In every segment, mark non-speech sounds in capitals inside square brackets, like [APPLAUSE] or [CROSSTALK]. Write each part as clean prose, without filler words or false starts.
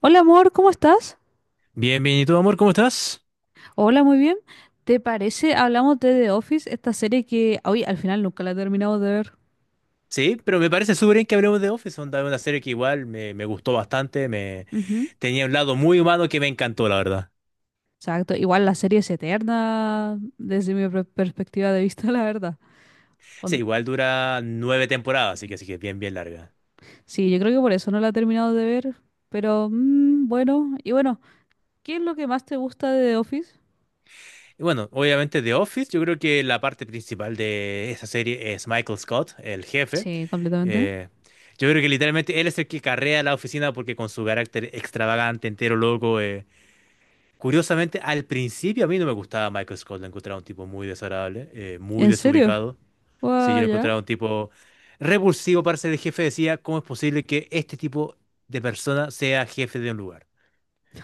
Hola amor, ¿cómo estás? Bien, bien. ¿Y tú, amor, cómo estás? Hola, muy bien. ¿Te parece? Hablamos de The Office, esta serie que hoy al final nunca la he terminado de ver. Sí, pero me parece súper bien que hablemos de Office, onda, una serie que igual me gustó bastante, me Ujú. tenía un lado muy humano que me encantó, la verdad. Exacto. Igual la serie es eterna desde mi perspectiva de vista, [LAUGHS] la verdad. Sí, On- igual dura 9 temporadas, así que bien, bien larga. Sí, yo creo que por eso no la he terminado de ver. Pero bueno, y bueno, ¿qué es lo que más te gusta de The Office? Y bueno, obviamente de Office, yo creo que la parte principal de esa serie es Michael Scott, el jefe. Sí, completamente. Eh, yo creo que literalmente él es el que carrea la oficina porque con su carácter extravagante, entero, loco. Curiosamente, al principio a mí no me gustaba Michael Scott, lo encontraba un tipo muy desagradable, muy ¿En serio? desubicado. Sí, yo Guau, lo ya. encontraba un tipo repulsivo para ser el jefe. Decía, ¿cómo es posible que este tipo de persona sea jefe de un lugar?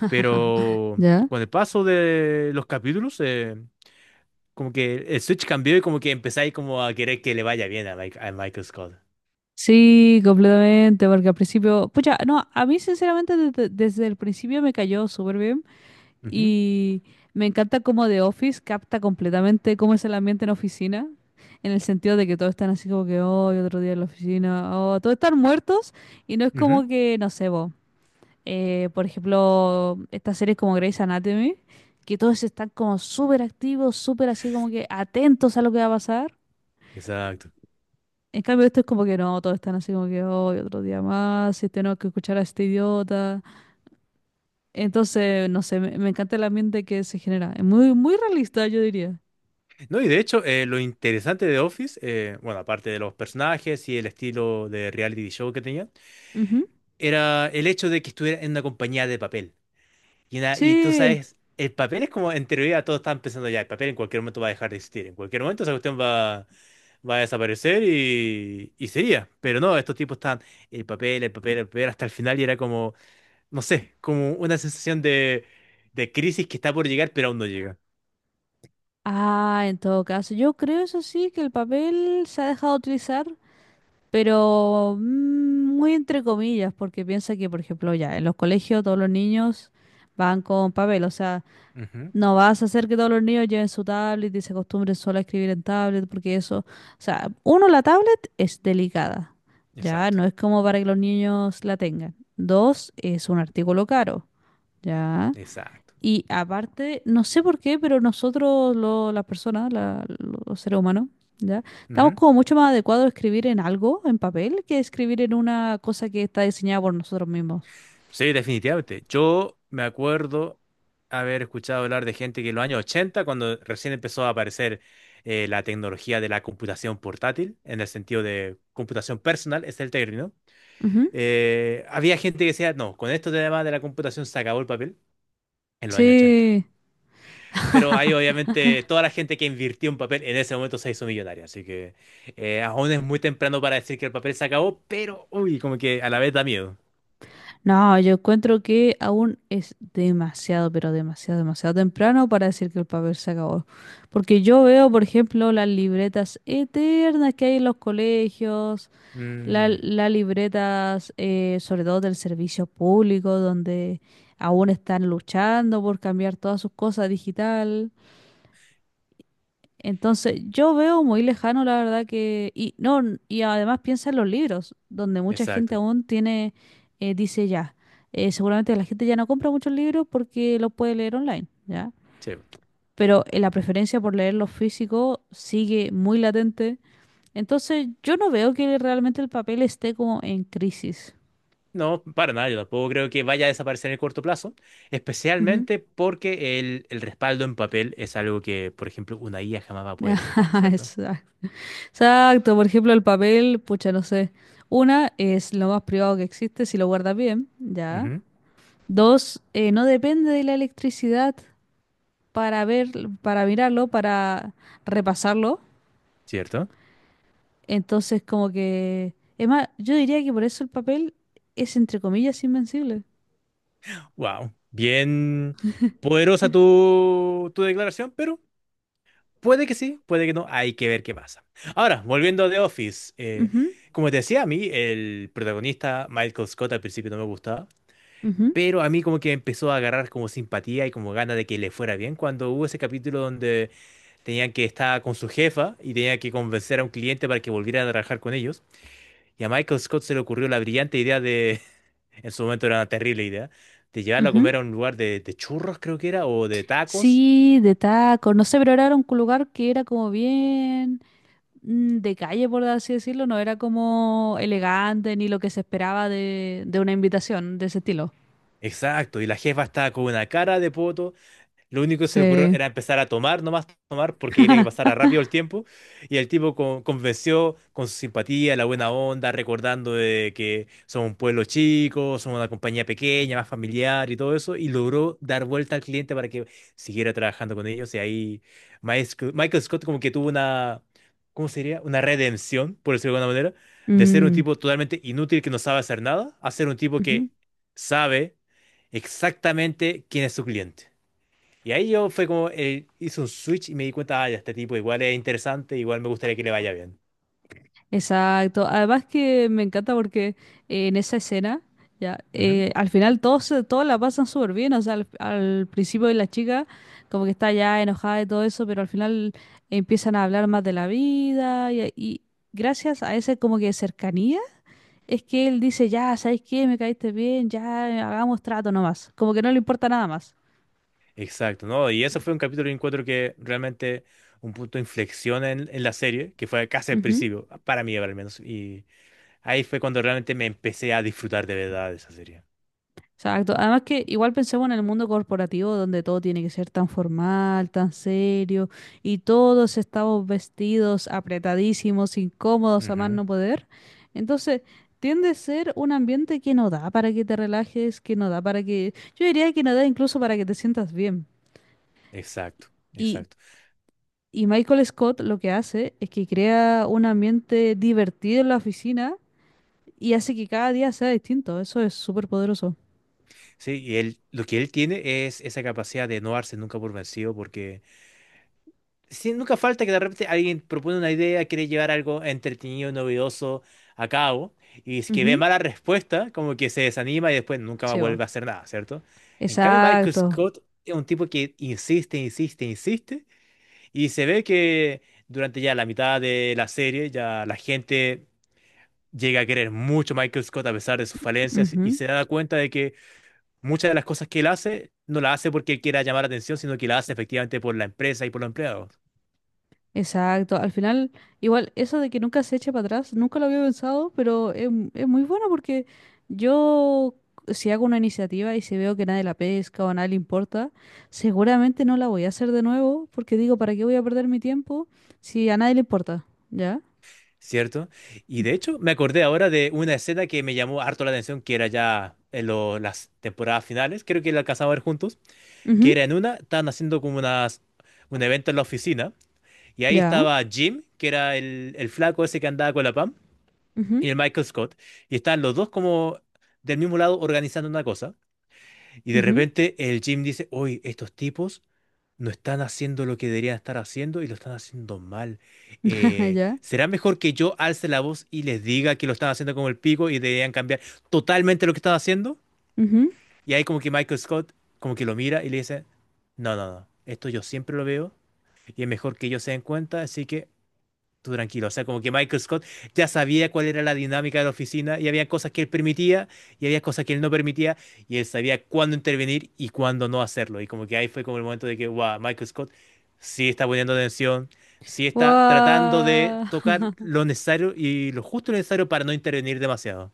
Pero ¿Ya? con el paso de los capítulos, como que el switch cambió y como que empezáis como a querer que le vaya bien a Michael Scott. Sí, completamente, porque al principio, pucha, no, a mí sinceramente desde el principio me cayó súper bien. Ujú, Y me encanta cómo The Office capta completamente cómo es el ambiente en oficina, en el sentido de que todos están así como que, hoy otro día en la oficina, oh, todos están muertos y no es como ujú, que, no sé, vos. Por ejemplo, estas series como Grey's Anatomy, que todos están como súper activos, súper así como que atentos a lo que va a pasar. exacto. En cambio, esto es como que no, todos están así como que hoy otro día más, y tenemos que escuchar a este idiota. Entonces, no sé, me encanta el ambiente que se genera. Es muy, muy realista, yo diría. No, y de hecho, lo interesante de Office, bueno, aparte de los personajes y el estilo de reality show que tenía, Ujú. era el hecho de que estuviera en una compañía de papel. Y tú Sí. sabes, el papel es como, en teoría todos estaban pensando ya, el papel en cualquier momento va a dejar de existir, en cualquier momento esa cuestión va a desaparecer y sería. Pero no, estos tipos están el papel, el papel, el papel, hasta el final y era como, no sé, como una sensación de crisis que está por llegar, pero aún no llega. Ah, en todo caso, yo creo eso sí que el papel se ha dejado de utilizar, pero muy entre comillas, porque piensa que, por ejemplo, ya en los colegios todos los niños van con papel, o sea, Ujú, no vas a hacer que todos los niños lleven su tablet y se acostumbren solo a escribir en tablet, porque eso, o sea, uno, la tablet es delicada, ya exacto, no es como para que los niños la tengan. Dos, es un artículo caro, ya. exacto. Y aparte, no sé por qué, pero nosotros, las personas, los seres humanos, ¿ya? Estamos como mucho más adecuados a escribir en algo, en papel, que escribir en una cosa que está diseñada por nosotros mismos. Sí, definitivamente. Yo me acuerdo haber escuchado hablar de gente que en los años 80, cuando recién empezó a aparecer la tecnología de la computación portátil, en el sentido de computación personal, es el término, Ujú. Había gente que decía, no, con esto además de la computación se acabó el papel en los años 80. Sí. Pero ahí [LAUGHS] obviamente toda la gente que invirtió en papel en ese momento se hizo millonaria, así que aún es muy temprano para decir que el papel se acabó, pero uy, como que a la vez da miedo. No, yo encuentro que aún es demasiado, pero demasiado, demasiado temprano para decir que el papel se acabó. Porque yo veo, por ejemplo, las libretas eternas que hay en los colegios, Mm, las libretas, sobre todo del servicio público, donde aún están luchando por cambiar todas sus cosas digital. Entonces, yo veo muy lejano, la verdad que... Y, no, y además piensa en los libros, donde mucha gente exacto. aún tiene, dice ya, seguramente la gente ya no compra muchos libros porque los puede leer online, ¿ya? Sí. Pero la preferencia por leer los físicos sigue muy latente. Entonces, yo no veo que realmente el papel esté como en crisis. No, para nada, yo tampoco creo que vaya a desaparecer en el corto plazo, Ujú. especialmente porque el respaldo en papel es algo que, por ejemplo, una IA jamás va a [LAUGHS] poder imitar, ¿cierto? Exacto. Exacto, por ejemplo, el papel, pucha, no sé. Una es lo más privado que existe si lo guardas bien, ya. Ujú, Dos, no depende de la electricidad para ver, para mirarlo, para repasarlo. ¿cierto? Entonces, como que, es más, yo diría que por eso el papel es entre comillas invencible. Wow, bien poderosa tu declaración, pero puede que sí, puede que no, hay que ver qué pasa. Ahora, volviendo a The Office, Ujú, como te decía, a mí el protagonista Michael Scott al principio no me gustaba. ujú, Pero a mí como que empezó a agarrar como simpatía y como gana de que le fuera bien cuando hubo ese capítulo donde tenían que estar con su jefa y tenían que convencer a un cliente para que volviera a trabajar con ellos. Y a Michael Scott se le ocurrió la brillante idea [LAUGHS] en su momento era una terrible idea, de llevarlo a comer ujú. a un lugar de churros, creo que era, o de tacos. Sí, de taco, no sé, pero era un lugar que era como bien. De calle, por así decirlo, no era como elegante ni lo que se esperaba de una invitación de ese estilo. Exacto, y la jefa estaba con una cara de poto. Lo único que se le ocurrió Sí. era empezar a tomar, nomás tomar, porque quería que pasara rápido el tiempo. Y el tipo convenció con su simpatía, la buena onda, recordando de que son un pueblo chico, son una compañía pequeña, más familiar y todo eso. Y logró dar vuelta al cliente para que siguiera trabajando con ellos. Y ahí Michael Scott como que tuvo una, ¿cómo sería? Una redención, por decirlo de alguna manera, de ser un Mm, tipo totalmente inútil que no sabe hacer nada, a ser un tipo ujú. que sabe exactamente quién es su cliente. Y ahí yo fue como, hice un switch y me di cuenta, ah, ya, este tipo igual es interesante, igual me gustaría que le vaya bien. Exacto. Además que me encanta porque en esa escena, ya, Ujú. Al final todos, todos la pasan súper bien. O sea, al principio de la chica como que está ya enojada y todo eso, pero al final empiezan a hablar más de la vida y gracias a ese como que cercanía. Es que él dice, ya, ¿sabes qué? Me caíste bien, ya, hagamos trato nomás. Como que no le importa nada más. Exacto, ¿no? Y eso fue un capítulo de encuentro que realmente un punto de inflexión en la serie, que fue casi al Ujú. principio, para mí al menos. Y ahí fue cuando realmente me empecé a disfrutar de verdad de esa serie. Exacto. Además que igual pensemos en el mundo corporativo donde todo tiene que ser tan formal, tan serio, y todos estamos vestidos apretadísimos, incómodos a más Ujú. no poder. Entonces, tiende a ser un ambiente que no da para que te relajes, que no da para que... Yo diría que no da incluso para que te sientas bien. Exacto, Y exacto. Y Michael Scott lo que hace es que crea un ambiente divertido en la oficina y hace que cada día sea distinto. Eso es súper poderoso. Sí, y él, lo que él tiene es esa capacidad de no darse nunca por vencido, porque sí, nunca falta que de repente alguien propone una idea, quiere llevar algo entretenido, novedoso a cabo, y es que ve Ujú. mala respuesta, como que se desanima y después nunca más Sí, bo. vuelve a hacer nada, ¿cierto? En cambio, Michael Exacto. Scott es un tipo que insiste, insiste, insiste, y se ve que durante ya la mitad de la serie ya la gente llega a querer mucho a Michael Scott a pesar de sus falencias y Ujú. se da cuenta de que muchas de las cosas que él hace no las hace porque él quiera llamar la atención, sino que las hace efectivamente por la empresa y por los empleados. Exacto. Al final, igual, eso de que nunca se eche para atrás, nunca lo había pensado, pero es muy bueno porque yo, si hago una iniciativa y si veo que nadie la pesca o a nadie le importa, seguramente no la voy a hacer de nuevo porque digo, ¿para qué voy a perder mi tiempo si a nadie le importa? ¿Ya? ¿Cierto? Y de hecho, me acordé ahora de una escena que me llamó harto la atención, que era ya en las temporadas finales, creo que la alcanzamos a ver juntos, que Ujú. era en una, estaban haciendo como unas, un evento en la oficina, y ahí ¿Ya? estaba Jim, que era el flaco ese que andaba con la Pam, y Ujú, el Michael Scott, y estaban los dos como del mismo lado organizando una cosa. Y de ujú, repente el Jim dice, oye, estos tipos no están haciendo lo que deberían estar haciendo y lo están haciendo mal. [LAUGHS] Ya. ¿Será mejor que yo alce la voz y les diga que lo están haciendo como el pico y deberían cambiar totalmente lo que están haciendo? Ujú. Y ahí como que Michael Scott como que lo mira y le dice, no, no, no, esto yo siempre lo veo y es mejor que ellos se den cuenta, así que tú tranquilo. O sea, como que Michael Scott ya sabía cuál era la dinámica de la oficina y había cosas que él permitía y había cosas que él no permitía y él sabía cuándo intervenir y cuándo no hacerlo. Y como que ahí fue como el momento de que, wow, Michael Scott sí está poniendo atención, sí está tratando de Guau, tocar [LAUGHS] lo necesario y lo justo y necesario para no intervenir demasiado.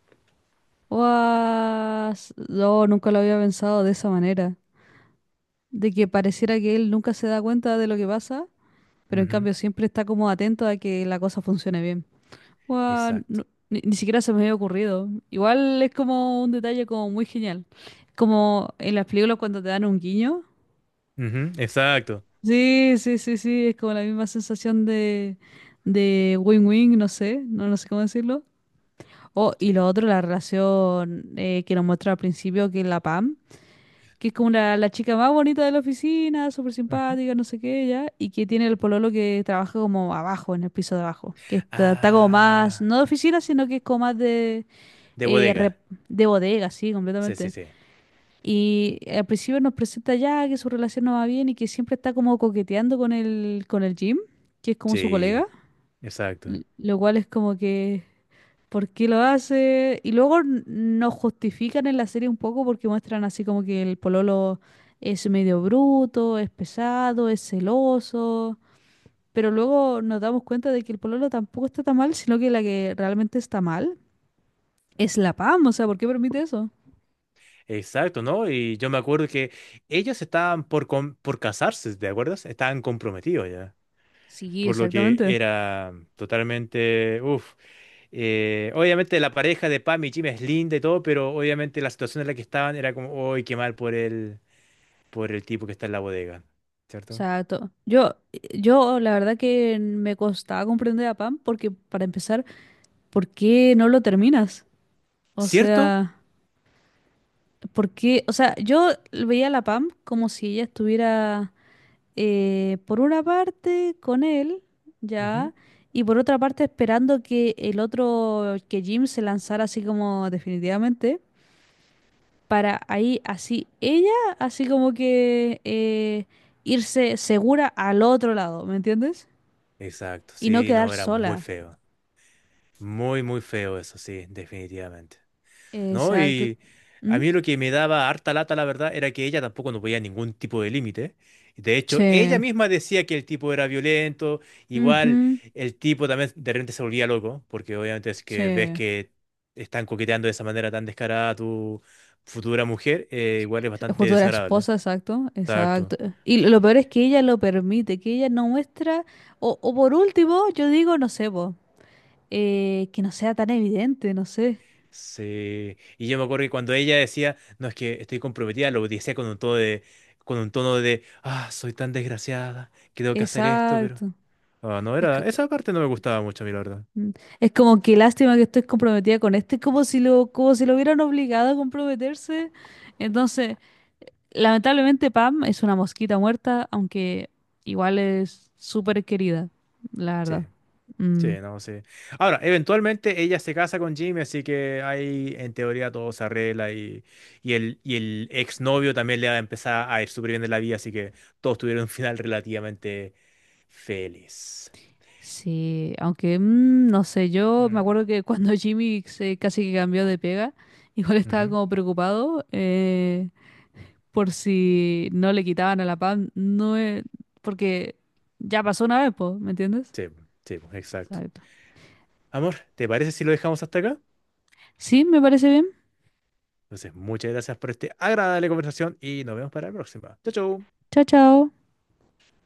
guau, s- No, nunca lo había pensado de esa manera. De que pareciera que él nunca se da cuenta de lo que pasa, pero en Ujú, cambio siempre está como atento a que la cosa funcione bien. Guau, exacto. Ni, ni siquiera se me había ocurrido. Igual es como un detalle como muy genial. Como en las películas cuando te dan un guiño. Ujú, exacto. Sí, sí, sí, sí, es como la misma sensación de win-win, no sé, no, no sé cómo decirlo. Oh, Sí. y lo otro, la relación que nos muestra al principio, que es la Pam, que es como la chica más bonita de la oficina, súper Ujú. simpática, no sé qué, ya, y que tiene el pololo que trabaja como abajo, en el piso de abajo, que está, está como más, Ah, no de oficina, sino que es como más de, de eh, rep- bodega. de bodega, sí, Sí, sí, completamente. sí. Y al principio nos presenta ya que su relación no va bien y que siempre está como coqueteando con con el Jim, que es como su colega, Sí, exacto. Lo cual es como que ¿por qué lo hace? Y luego nos justifican en la serie un poco porque muestran así como que el pololo es medio bruto, es pesado, es celoso. Pero luego nos damos cuenta de que el pololo tampoco está tan mal, sino que la que realmente está mal es la PAM. O sea, ¿por qué permite eso? Exacto, ¿no? Y yo me acuerdo que ellos estaban por casarse, ¿te acuerdas? Estaban comprometidos ya. Sí, Por lo que exactamente. Era totalmente, uff. Obviamente la pareja de Pam y Jim es linda y todo, pero obviamente la situación en la que estaban era como, uy, qué mal por el tipo que está en la bodega, ¿cierto? sea, to- yo, yo la verdad que me costaba comprender a PAM porque, para empezar, ¿por qué no lo terminas? O ¿Cierto? sea... Porque, o sea, yo veía a la Pam como si ella estuviera por una parte con él, Ujú. ya, y por otra parte esperando que que Jim se lanzara así como definitivamente, para ahí así como que irse segura al otro lado, ¿me entiendes? Exacto, Y no sí, quedar no, era muy sola. feo. Muy, muy feo eso, sí, definitivamente. ¿No? Exacto. Y a ¿Mm? mí lo que me daba harta lata, la verdad, era que ella tampoco no veía ningún tipo de límite. De hecho, Sí. ella misma decía que el tipo era violento, igual Ujú. el tipo también de repente se volvía loco, porque obviamente es que ves Sí. que están coqueteando de esa manera tan descarada a tu futura mujer, igual es bastante Futura desagradable. esposa, exacto, Exacto. exacto. Y lo peor es que ella lo permite, que ella no muestra, o por último, yo digo, no sé, po, que no sea tan evidente, no sé. Sí. Y yo me acuerdo que cuando ella decía, no, es que estoy comprometida, lo decía con un tono de, con un tono de, ah, soy tan desgraciada, que tengo que hacer esto, pero Exacto. ah, no Es, co- era. Esa parte no me gustaba mucho a mí, la verdad. mm, es como que lástima que estoy comprometida con este, como si lo hubieran obligado a comprometerse. Entonces, lamentablemente Pam es una mosquita muerta, aunque igual es súper querida, la Sí, verdad. sí, Mm. no, sí. Ahora, eventualmente ella se casa con Jimmy, así que ahí en teoría todo se arregla y el exnovio también le va a empezar a ir súper bien en la vida, así que todos tuvieron un final relativamente feliz. Sí, aunque no sé, yo me Mm, acuerdo que [LAUGHS] cuando Jimmy se casi que cambió de pega, igual estaba ujú. como preocupado por si no le quitaban a la Pam, no es- porque ya pasó una vez, po, ¿me entiendes? Sí, po, exacto. Exacto. Amor, ¿te parece si lo dejamos hasta acá? Sí, me parece bien. Entonces, muchas gracias por esta agradable conversación y nos vemos para la próxima. Chau, chau. Chao, chao.